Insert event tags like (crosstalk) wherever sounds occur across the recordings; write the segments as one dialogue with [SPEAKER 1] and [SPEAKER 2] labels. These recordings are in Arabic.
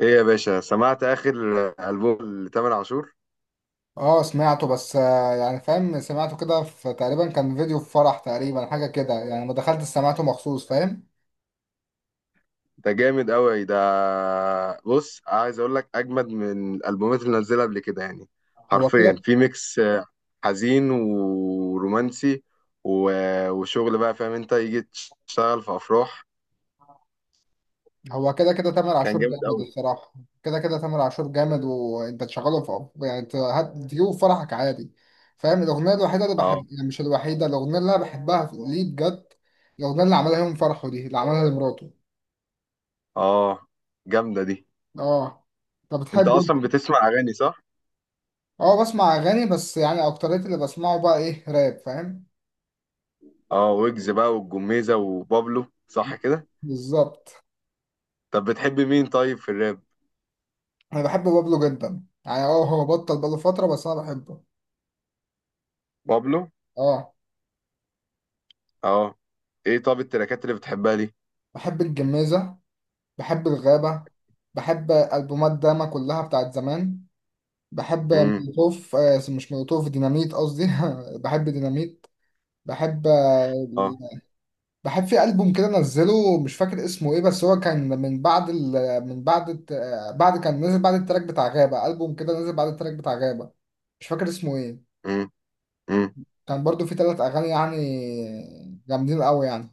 [SPEAKER 1] ايه يا باشا، سمعت اخر البوم لتامر عاشور؟
[SPEAKER 2] اه سمعته بس يعني فاهم سمعته كده في تقريبا كان فيديو في فرح تقريبا حاجة كده يعني ما دخلت سمعته مخصوص فاهم.
[SPEAKER 1] ده جامد قوي ده. بص، عايز اقول لك اجمد من الالبومات اللي نزلها قبل كده يعني.
[SPEAKER 2] هو
[SPEAKER 1] حرفيا
[SPEAKER 2] كده.
[SPEAKER 1] في ميكس حزين ورومانسي و- وشغل بقى، فاهم؟ انت يجي تشتغل في افراح.
[SPEAKER 2] هو كده كده تامر
[SPEAKER 1] كان
[SPEAKER 2] عاشور
[SPEAKER 1] جامد
[SPEAKER 2] جامد
[SPEAKER 1] قوي.
[SPEAKER 2] الصراحة. كده كده تامر عاشور جامد وانت تشغله في يعني تجيبه في فرحك عادي فاهم. الأغنية الوحيدة اللي بحب
[SPEAKER 1] اه.
[SPEAKER 2] يعني مش الوحيدة الأغنية اللي أنا بحبها ليه بجد. الأغنية اللي عملها يوم فرحه دي اللي عملها لمراته.
[SPEAKER 1] اه جامده دي.
[SPEAKER 2] اه. طب
[SPEAKER 1] انت
[SPEAKER 2] بتحبه
[SPEAKER 1] اصلا
[SPEAKER 2] انت؟
[SPEAKER 1] بتسمع اغاني، صح؟
[SPEAKER 2] اه بسمع أغاني بس يعني أكتريت اللي بسمعه بقى إيه راب فاهم.
[SPEAKER 1] اه، ويجز بقى والجميزه وبابلو، صح كده؟
[SPEAKER 2] بالظبط.
[SPEAKER 1] طب بتحب مين طيب في الراب؟
[SPEAKER 2] انا بحب بابلو جدا يعني اه هو بطل بقاله فترة بس انا بحبه.
[SPEAKER 1] بابلو.
[SPEAKER 2] اه.
[SPEAKER 1] اه. ايه، طب التراكات اللي بتحبها؟
[SPEAKER 2] بحب الجميزة، بحب الغابة، بحب ألبومات داما كلها بتاعت زمان، بحب
[SPEAKER 1] ليه؟
[SPEAKER 2] مولوتوف آه مش مولوتوف ديناميت قصدي. (laughs) بحب ديناميت، بحب
[SPEAKER 1] اه.
[SPEAKER 2] بحب في ألبوم كده نزله مش فاكر اسمه ايه بس هو كان من بعد ال... من بعد الت... آه، بعد كان نزل بعد التراك بتاع غابة، ألبوم كده نزل بعد التراك بتاع غابة. مش فاكر اسمه ايه.
[SPEAKER 1] امم امم
[SPEAKER 2] كان برضو في ثلاث أغاني يعني جامدين قوي يعني.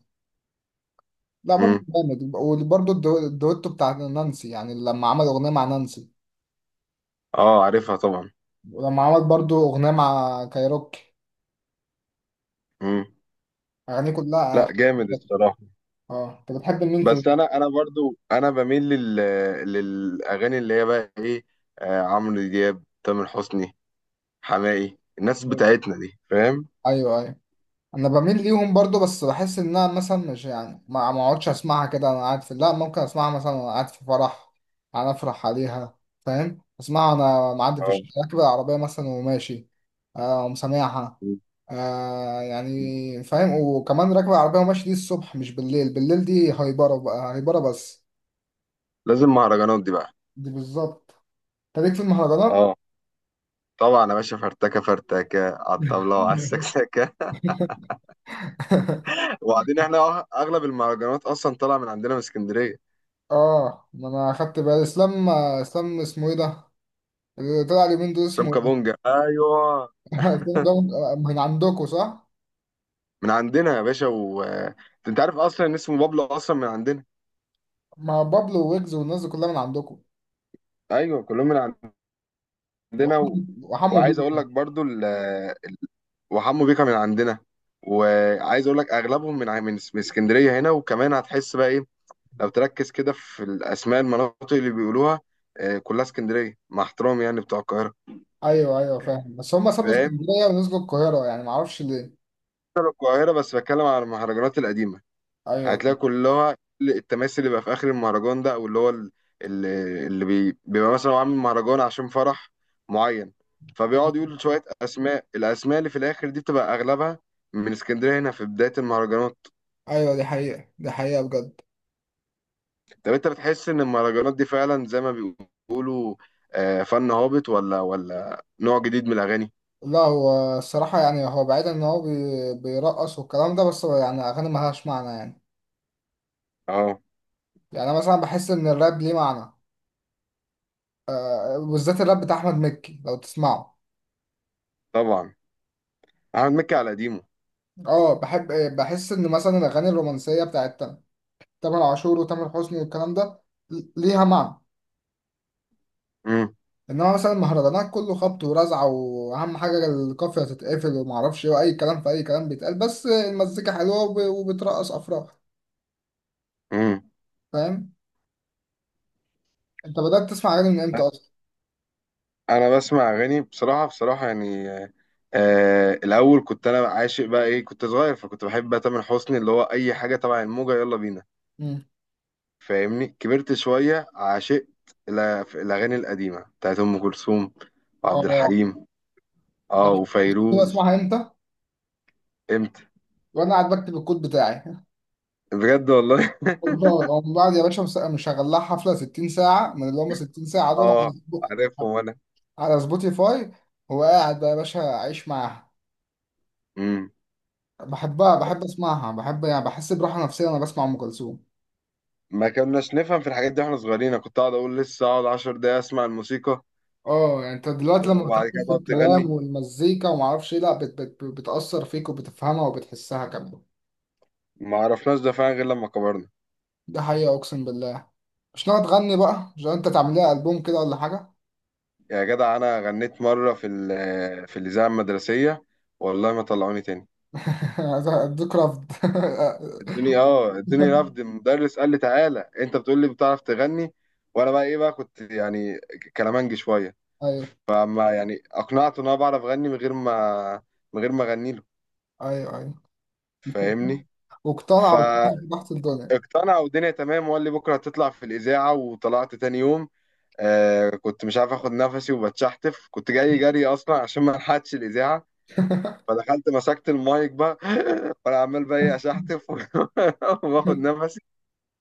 [SPEAKER 2] لا بابلو
[SPEAKER 1] امم
[SPEAKER 2] جامد وبرضه الدويتو بتاع نانسي يعني لما عمل أغنية مع نانسي،
[SPEAKER 1] اه، عارفها طبعا.
[SPEAKER 2] ولما عمل برضه أغنية مع كايروكي.
[SPEAKER 1] امم
[SPEAKER 2] أغانيه كلها أنا
[SPEAKER 1] لا جامد
[SPEAKER 2] بحب.
[SPEAKER 1] الصراحه.
[SPEAKER 2] اه أنت بتحب مين في
[SPEAKER 1] بس
[SPEAKER 2] الأغنية؟
[SPEAKER 1] انا برضو انا بميل لل، للاغاني اللي هي بقى ايه، عمرو دياب، تامر حسني، حماقي، الناس
[SPEAKER 2] أيوه،
[SPEAKER 1] بتاعتنا دي، فاهم؟
[SPEAKER 2] أيوه، انا بميل ليهم برضو بس بحس ان انا مثلا مش يعني ما اقعدش اسمعها كده انا قاعد في، لا ممكن اسمعها مثلا وانا قاعد في فرح، انا افرح عليها فاهم. اسمعها انا معدي في
[SPEAKER 1] اه.
[SPEAKER 2] الشارع راكب العربيه مثلا وماشي، آه ومسامعها.
[SPEAKER 1] مم.
[SPEAKER 2] آه يعني فاهم، وكمان راكب العربيه وماشي دي الصبح مش بالليل، بالليل دي هايبره بقى هايبره بس.
[SPEAKER 1] لازم مهرجانات دي بقى.
[SPEAKER 2] دي بالظبط. انت ليك في المهرجانات.
[SPEAKER 1] اه طبعا يا باشا، فرتكه فرتكه على الطبله وعلى السكسكه.
[SPEAKER 2] (laughs)
[SPEAKER 1] (laughs) وبعدين احنا اغلب المهرجانات اصلا طالعه من عندنا من اسكندريه.
[SPEAKER 2] اه ما انا اخدت بالي اسلام اسمه ايه ده اللي طلع اليومين دول اسمه
[SPEAKER 1] سمكه
[SPEAKER 2] إيه؟
[SPEAKER 1] بونجا، ايوه.
[SPEAKER 2] الفيلم ده من عندكم صح؟
[SPEAKER 1] من عندنا يا باشا، و انت عارف اصلا ان اسمه بابلو اصلا من عندنا.
[SPEAKER 2] ما بابلو ويجز والناس دي كلها من عندكم.
[SPEAKER 1] ايوه كلهم من عندنا
[SPEAKER 2] وحمو،
[SPEAKER 1] و...
[SPEAKER 2] وحمو
[SPEAKER 1] وعايز اقول
[SPEAKER 2] بيكا.
[SPEAKER 1] لك برضو ال... آه، وحمو بيكا من عندنا. وعايز اقول لك اغلبهم من ع- من اس- من اسكندريه هنا، وكمان هتحس بقى ايه، لو تركز كده في الاسماء، المناطق اللي بيقولوها، كلها اسكندريه، مع احترامي يعني بتوع القاهره.
[SPEAKER 2] ايوه ايوه فاهم بس هم سابوا
[SPEAKER 1] فاهم؟
[SPEAKER 2] اسكندريه ونزلوا القاهره يعني ما اعرفش ليه.
[SPEAKER 1] بتوع القاهره بس بتكلم على المهرجانات القديمه.
[SPEAKER 2] ايوه،
[SPEAKER 1] هتلاقي كلها التماثيل اللي بقى في اخر المهرجان ده، او اللي هو ال- ال- اللي بي- بيبقى مثلا هو عامل مهرجان عشان فرح معين، فبيقعد يقول شويه اسماء. الاسماء اللي في الاخر دي بتبقى اغلبها من اسكندريه هنا في بدايه المهرجانات.
[SPEAKER 2] ايوه دي حقيقه دي حقيقه بجد.
[SPEAKER 1] طب انت بتحس ان المهرجانات دي فعلا زي ما بيقولوا، فن هابط، ولا نوع جديد من الاغاني؟
[SPEAKER 2] لا هو الصراحه يعني هو بعيد ان هو بيرقص والكلام ده بس هو يعني اغاني ما لهاش معنى يعني.
[SPEAKER 1] اه
[SPEAKER 2] يعني انا مثلا بحس ان الراب ليه معنى، بالذات الراب بتاع احمد مكي لو تسمعه.
[SPEAKER 1] طبعا. احمد مكي على قديمه.
[SPEAKER 2] اه بحب. بحس ان مثلا الاغاني الرومانسيه بتاعت تامر عاشور وتامر حسني والكلام ده ليها معنى.
[SPEAKER 1] امم
[SPEAKER 2] انما مثلا مهرجانات كله خبط ورزع واهم حاجه القافيه تتقفل وما اعرفش ايه واي كلام في اي كلام بيتقال بس المزيكا حلوه وبترقص افراح
[SPEAKER 1] امم
[SPEAKER 2] فاهم. انت بدات تسمع اغاني من امتى اصلا؟
[SPEAKER 1] انا بسمع اغاني بصراحه بصراحه يعني، الاول كنت انا عاشق بقى ايه، كنت صغير فكنت بحب بقى تامر حسني، اللي هو اي حاجه تبع الموجه، يلا بينا.
[SPEAKER 2] امم.
[SPEAKER 1] فاهمني؟ كبرت شويه، عاشقت الاغاني القديمه بتاعت ام كلثوم وعبد
[SPEAKER 2] اه.
[SPEAKER 1] الحليم. اه
[SPEAKER 2] تعرف كنت
[SPEAKER 1] وفيروز.
[SPEAKER 2] بسمعها امتى؟
[SPEAKER 1] امتى؟
[SPEAKER 2] وانا قاعد بكتب الكود بتاعي.
[SPEAKER 1] بجد والله.
[SPEAKER 2] والله من بعد يا باشا مشغل لها حفله 60 ساعه من اللي هم 60 ساعه
[SPEAKER 1] (laughs)
[SPEAKER 2] دول على
[SPEAKER 1] اه عارفهم وانا.
[SPEAKER 2] على سبوتيفاي، وقاعد بقى يا باشا عايش معاها،
[SPEAKER 1] امم.
[SPEAKER 2] بحبها، بحب اسمعها، بحب يعني بحس براحه نفسيه وانا بسمع ام كلثوم.
[SPEAKER 1] ما كناش نفهم في الحاجات دي واحنا صغيرين. أنا كنت اقعد اقول لسه اقعد 10 دقايق اسمع الموسيقى،
[SPEAKER 2] اه يعني انت دلوقتي لما
[SPEAKER 1] وبعد كده
[SPEAKER 2] بتركز في
[SPEAKER 1] تقعد
[SPEAKER 2] الكلام
[SPEAKER 1] تغني.
[SPEAKER 2] والمزيكا وما اعرفش ايه لا بت بتاثر فيك وبتفهمها وبتحسها كمان.
[SPEAKER 1] ما عرفناش ده فعلا غير لما كبرنا.
[SPEAKER 2] ده حقيقه اقسم بالله. مش ناوي تغني بقى؟ مش انت تعمل لها البوم كده ولا حاجه؟
[SPEAKER 1] يا جدع انا غنيت مره في الاذاعه المدرسيه. والله ما طلعوني تاني.
[SPEAKER 2] (laughs) اديك رفض.
[SPEAKER 1] الدنيا اه الدنيا رفض.
[SPEAKER 2] (laughs)
[SPEAKER 1] المدرس قال لي تعالى انت بتقول لي بتعرف تغني، وانا بقى ايه بقى، كنت يعني كلامنج شويه،
[SPEAKER 2] ايوه،
[SPEAKER 1] فما يعني اقنعته ان انا بعرف اغني من غير ما اغني له.
[SPEAKER 2] ايوه، ايوه. (laughs)
[SPEAKER 1] فاهمني؟
[SPEAKER 2] واقتنع،
[SPEAKER 1] فاقتنع
[SPEAKER 2] واقتنع بضغط الدنيا.
[SPEAKER 1] والدنيا تمام، وقال لي بكره هتطلع في الاذاعه، وطلعت تاني يوم. كنت مش عارف اخد نفسي وبتشحتف، كنت جاي جري اصلا عشان ما الحقتش الاذاعه، فدخلت مسكت المايك بقى (laughs) وانا عمال بقى ايه اشحتف (laughs) واخد نفسي.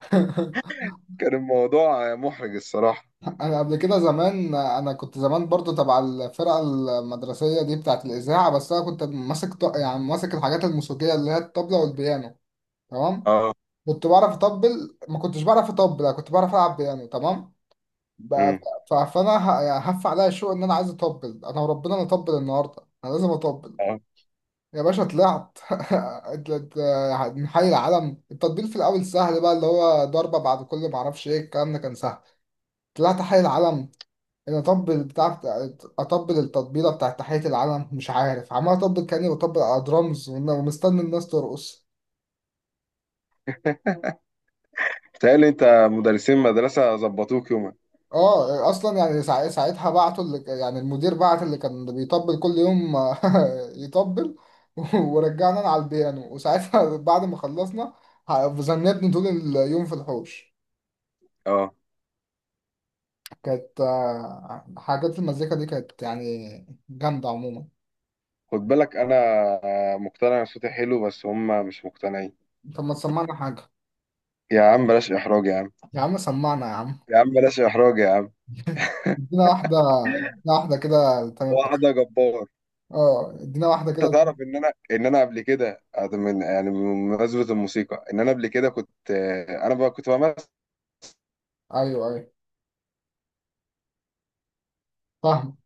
[SPEAKER 2] (laughs)
[SPEAKER 1] كان الموضوع محرج الصراحه.
[SPEAKER 2] انا قبل كده زمان انا كنت زمان برضو تبع الفرقه المدرسيه دي بتاعه الاذاعه بس انا كنت ماسك يعني ماسك الحاجات الموسيقيه اللي هي الطبله والبيانو تمام.
[SPEAKER 1] اه.
[SPEAKER 2] كنت بعرف اطبل، ما كنتش بعرف اطبل، أنا كنت بعرف العب بيانو تمام. ب-
[SPEAKER 1] امم.
[SPEAKER 2] فانا يعني هف عليا الشوق ان انا عايز اطبل، انا وربنا انا اطبل النهارده، انا لازم اطبل
[SPEAKER 1] اه.
[SPEAKER 2] يا باشا. طلعت. (laughs) ات- ات- يعني من حي العلم، التطبيل في الاول سهل بقى اللي هو ضربه بعد كل ما اعرفش ايه الكلام ده كان سهل. طلعت حي العلم، ان اطبل بتاع اطبل التطبيله بتاعت تحيه العلم، مش عارف عمال اطبل كاني بطبل على درامز ومستني الناس ترقص.
[SPEAKER 1] بتهيألي انت مدرسين مدرسه ظبطوك يومك.
[SPEAKER 2] اه اصلا يعني ساعتها بعتوا اللي يعني المدير بعت اللي كان بيطبل كل يوم. (laughs) يطبل. (laughs) ورجعنا أنا على البيانو وساعتها، (laughs) بعد ما خلصنا ذنبني طول اليوم في الحوش.
[SPEAKER 1] اه.
[SPEAKER 2] كانت حاجات المزيكا دي كانت يعني جامدة عموما.
[SPEAKER 1] خد بالك انا مقتنع ان صوتي حلو، بس هم مش مقتنعين.
[SPEAKER 2] طب ما تسمعنا حاجة؟
[SPEAKER 1] يا عم بلاش احراج يا عم.
[SPEAKER 2] يا عم سمعنا يا عم.
[SPEAKER 1] يا عم بلاش احراج يا عم.
[SPEAKER 2] ادينا واحدة، ادينا واحدة كده تمام.
[SPEAKER 1] واحده جبار.
[SPEAKER 2] اه ادينا واحدة
[SPEAKER 1] انت
[SPEAKER 2] كده.
[SPEAKER 1] تعرف ان انا قبل كده، من يعني بمناسبه الموسيقى، ان انا قبل كده كنت، انا بقى كنت بعمل
[SPEAKER 2] ايوه، ايوه فاهم.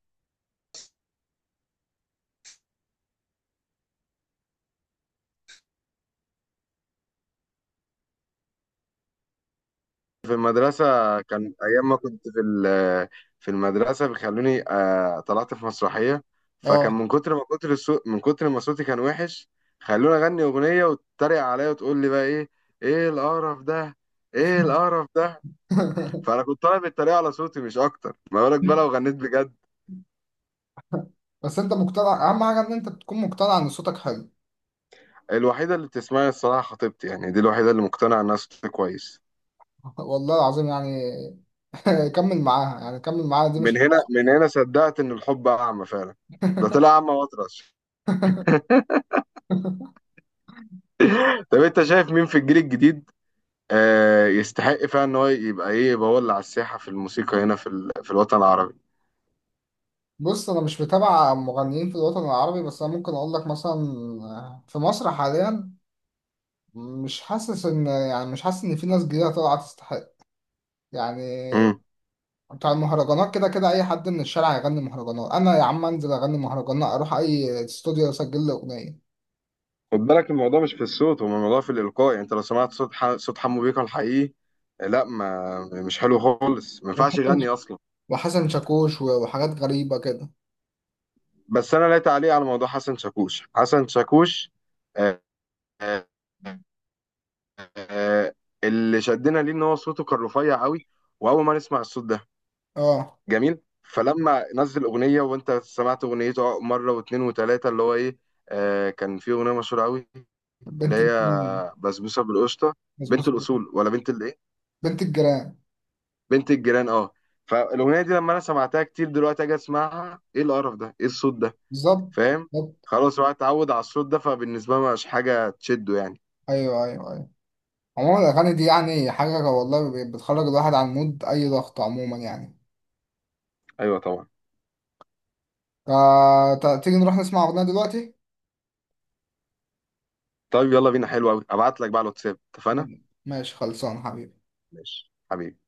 [SPEAKER 1] في المدرسة. كان أيام ما كنت في المدرسة بيخلوني، طلعت في مسرحية،
[SPEAKER 2] اه.
[SPEAKER 1] فكان من كتر ما كتر الصوت، من كتر ما صوتي كان وحش، خلوني أغني أغنية وتتريق عليا وتقول لي بقى إيه، إيه القرف ده، إيه القرف ده. فأنا
[SPEAKER 2] (laughs)
[SPEAKER 1] كنت طالع بالتريقة على صوتي مش أكتر، ما بالك بقى لو غنيت بجد؟
[SPEAKER 2] بس انت مقتنع، اهم حاجة ان انت تكون مقتنع ان صوتك حلو.
[SPEAKER 1] الوحيدة اللي بتسمعني الصراحة خطيبتي، يعني دي الوحيدة اللي مقتنعة إنها صوتي كويس.
[SPEAKER 2] (laughs) والله العظيم يعني. (laughs) كمل معاها يعني، كمل معاها دي مش
[SPEAKER 1] من
[SPEAKER 2] (laughs)
[SPEAKER 1] هنا، من هنا صدقت إن الحب أعمى فعلا. ده طلع أعمى وأطرش. طب أنت شايف مين في الجيل الجديد، يستحق فعلا ان هو يبقى ايه، يبقى هو اللي على الساحه في الموسيقى هنا في الوطن العربي؟
[SPEAKER 2] بص انا مش متابع مغنيين في الوطن العربي بس انا ممكن اقول لك مثلا في مصر حاليا مش حاسس ان يعني مش حاسس ان في ناس جديدة طالعة تستحق يعني.
[SPEAKER 1] امم.
[SPEAKER 2] بتاع المهرجانات كده كده اي حد من الشارع يغني مهرجانات، انا يا عم انزل اغني مهرجانات، اروح اي استوديو اسجل لي اغنية.
[SPEAKER 1] خد بالك الموضوع مش في الصوت، هو الموضوع في الالقاء. يعني انت لو سمعت صوت صوت حمو بيكا الحقيقي، لا ما مش حلو خالص، ما ينفعش يغني اصلا.
[SPEAKER 2] وحسن شاكوش وحاجات غريبة كده.
[SPEAKER 1] بس انا لا تعليق على موضوع حسن شاكوش. حسن شاكوش آه آه آه آه، اللي شدنا ليه ان هو صوته كان رفيع قوي، واول ما نسمع الصوت ده
[SPEAKER 2] اه.
[SPEAKER 1] جميل، فلما نزل اغنيه وانت سمعت اغنيته مره واثنين وثلاثه، اللي هو ايه، كان في اغنيه مشهوره قوي، اللي
[SPEAKER 2] بنت
[SPEAKER 1] هي
[SPEAKER 2] الجيران.
[SPEAKER 1] بسبوسه بالقشطه، بنت
[SPEAKER 2] مظبوط.
[SPEAKER 1] الاصول، ولا بنت الايه،
[SPEAKER 2] بنت الجيران.
[SPEAKER 1] بنت الجيران، اه. فالاغنيه دي لما انا سمعتها كتير، دلوقتي اجي اسمعها ايه القرف ده، ايه الصوت ده.
[SPEAKER 2] بالظبط،
[SPEAKER 1] فاهم؟
[SPEAKER 2] بالظبط.
[SPEAKER 1] خلاص هو اتعود على الصوت ده، فبالنسبه له مش حاجه تشده يعني.
[SPEAKER 2] ايوه، ايوه، ايوه. عموما الاغاني دي يعني حاجة والله بتخرج الواحد عن مود اي ضغط عموما يعني.
[SPEAKER 1] ايوه طبعا.
[SPEAKER 2] فتيجي نروح نسمع اغنية دلوقتي؟
[SPEAKER 1] طيب يلا بينا، حلو قوي، ابعت لك بقى على الواتساب، اتفقنا؟
[SPEAKER 2] ماشي خلصان حبيبي.
[SPEAKER 1] ماشي حبيبي.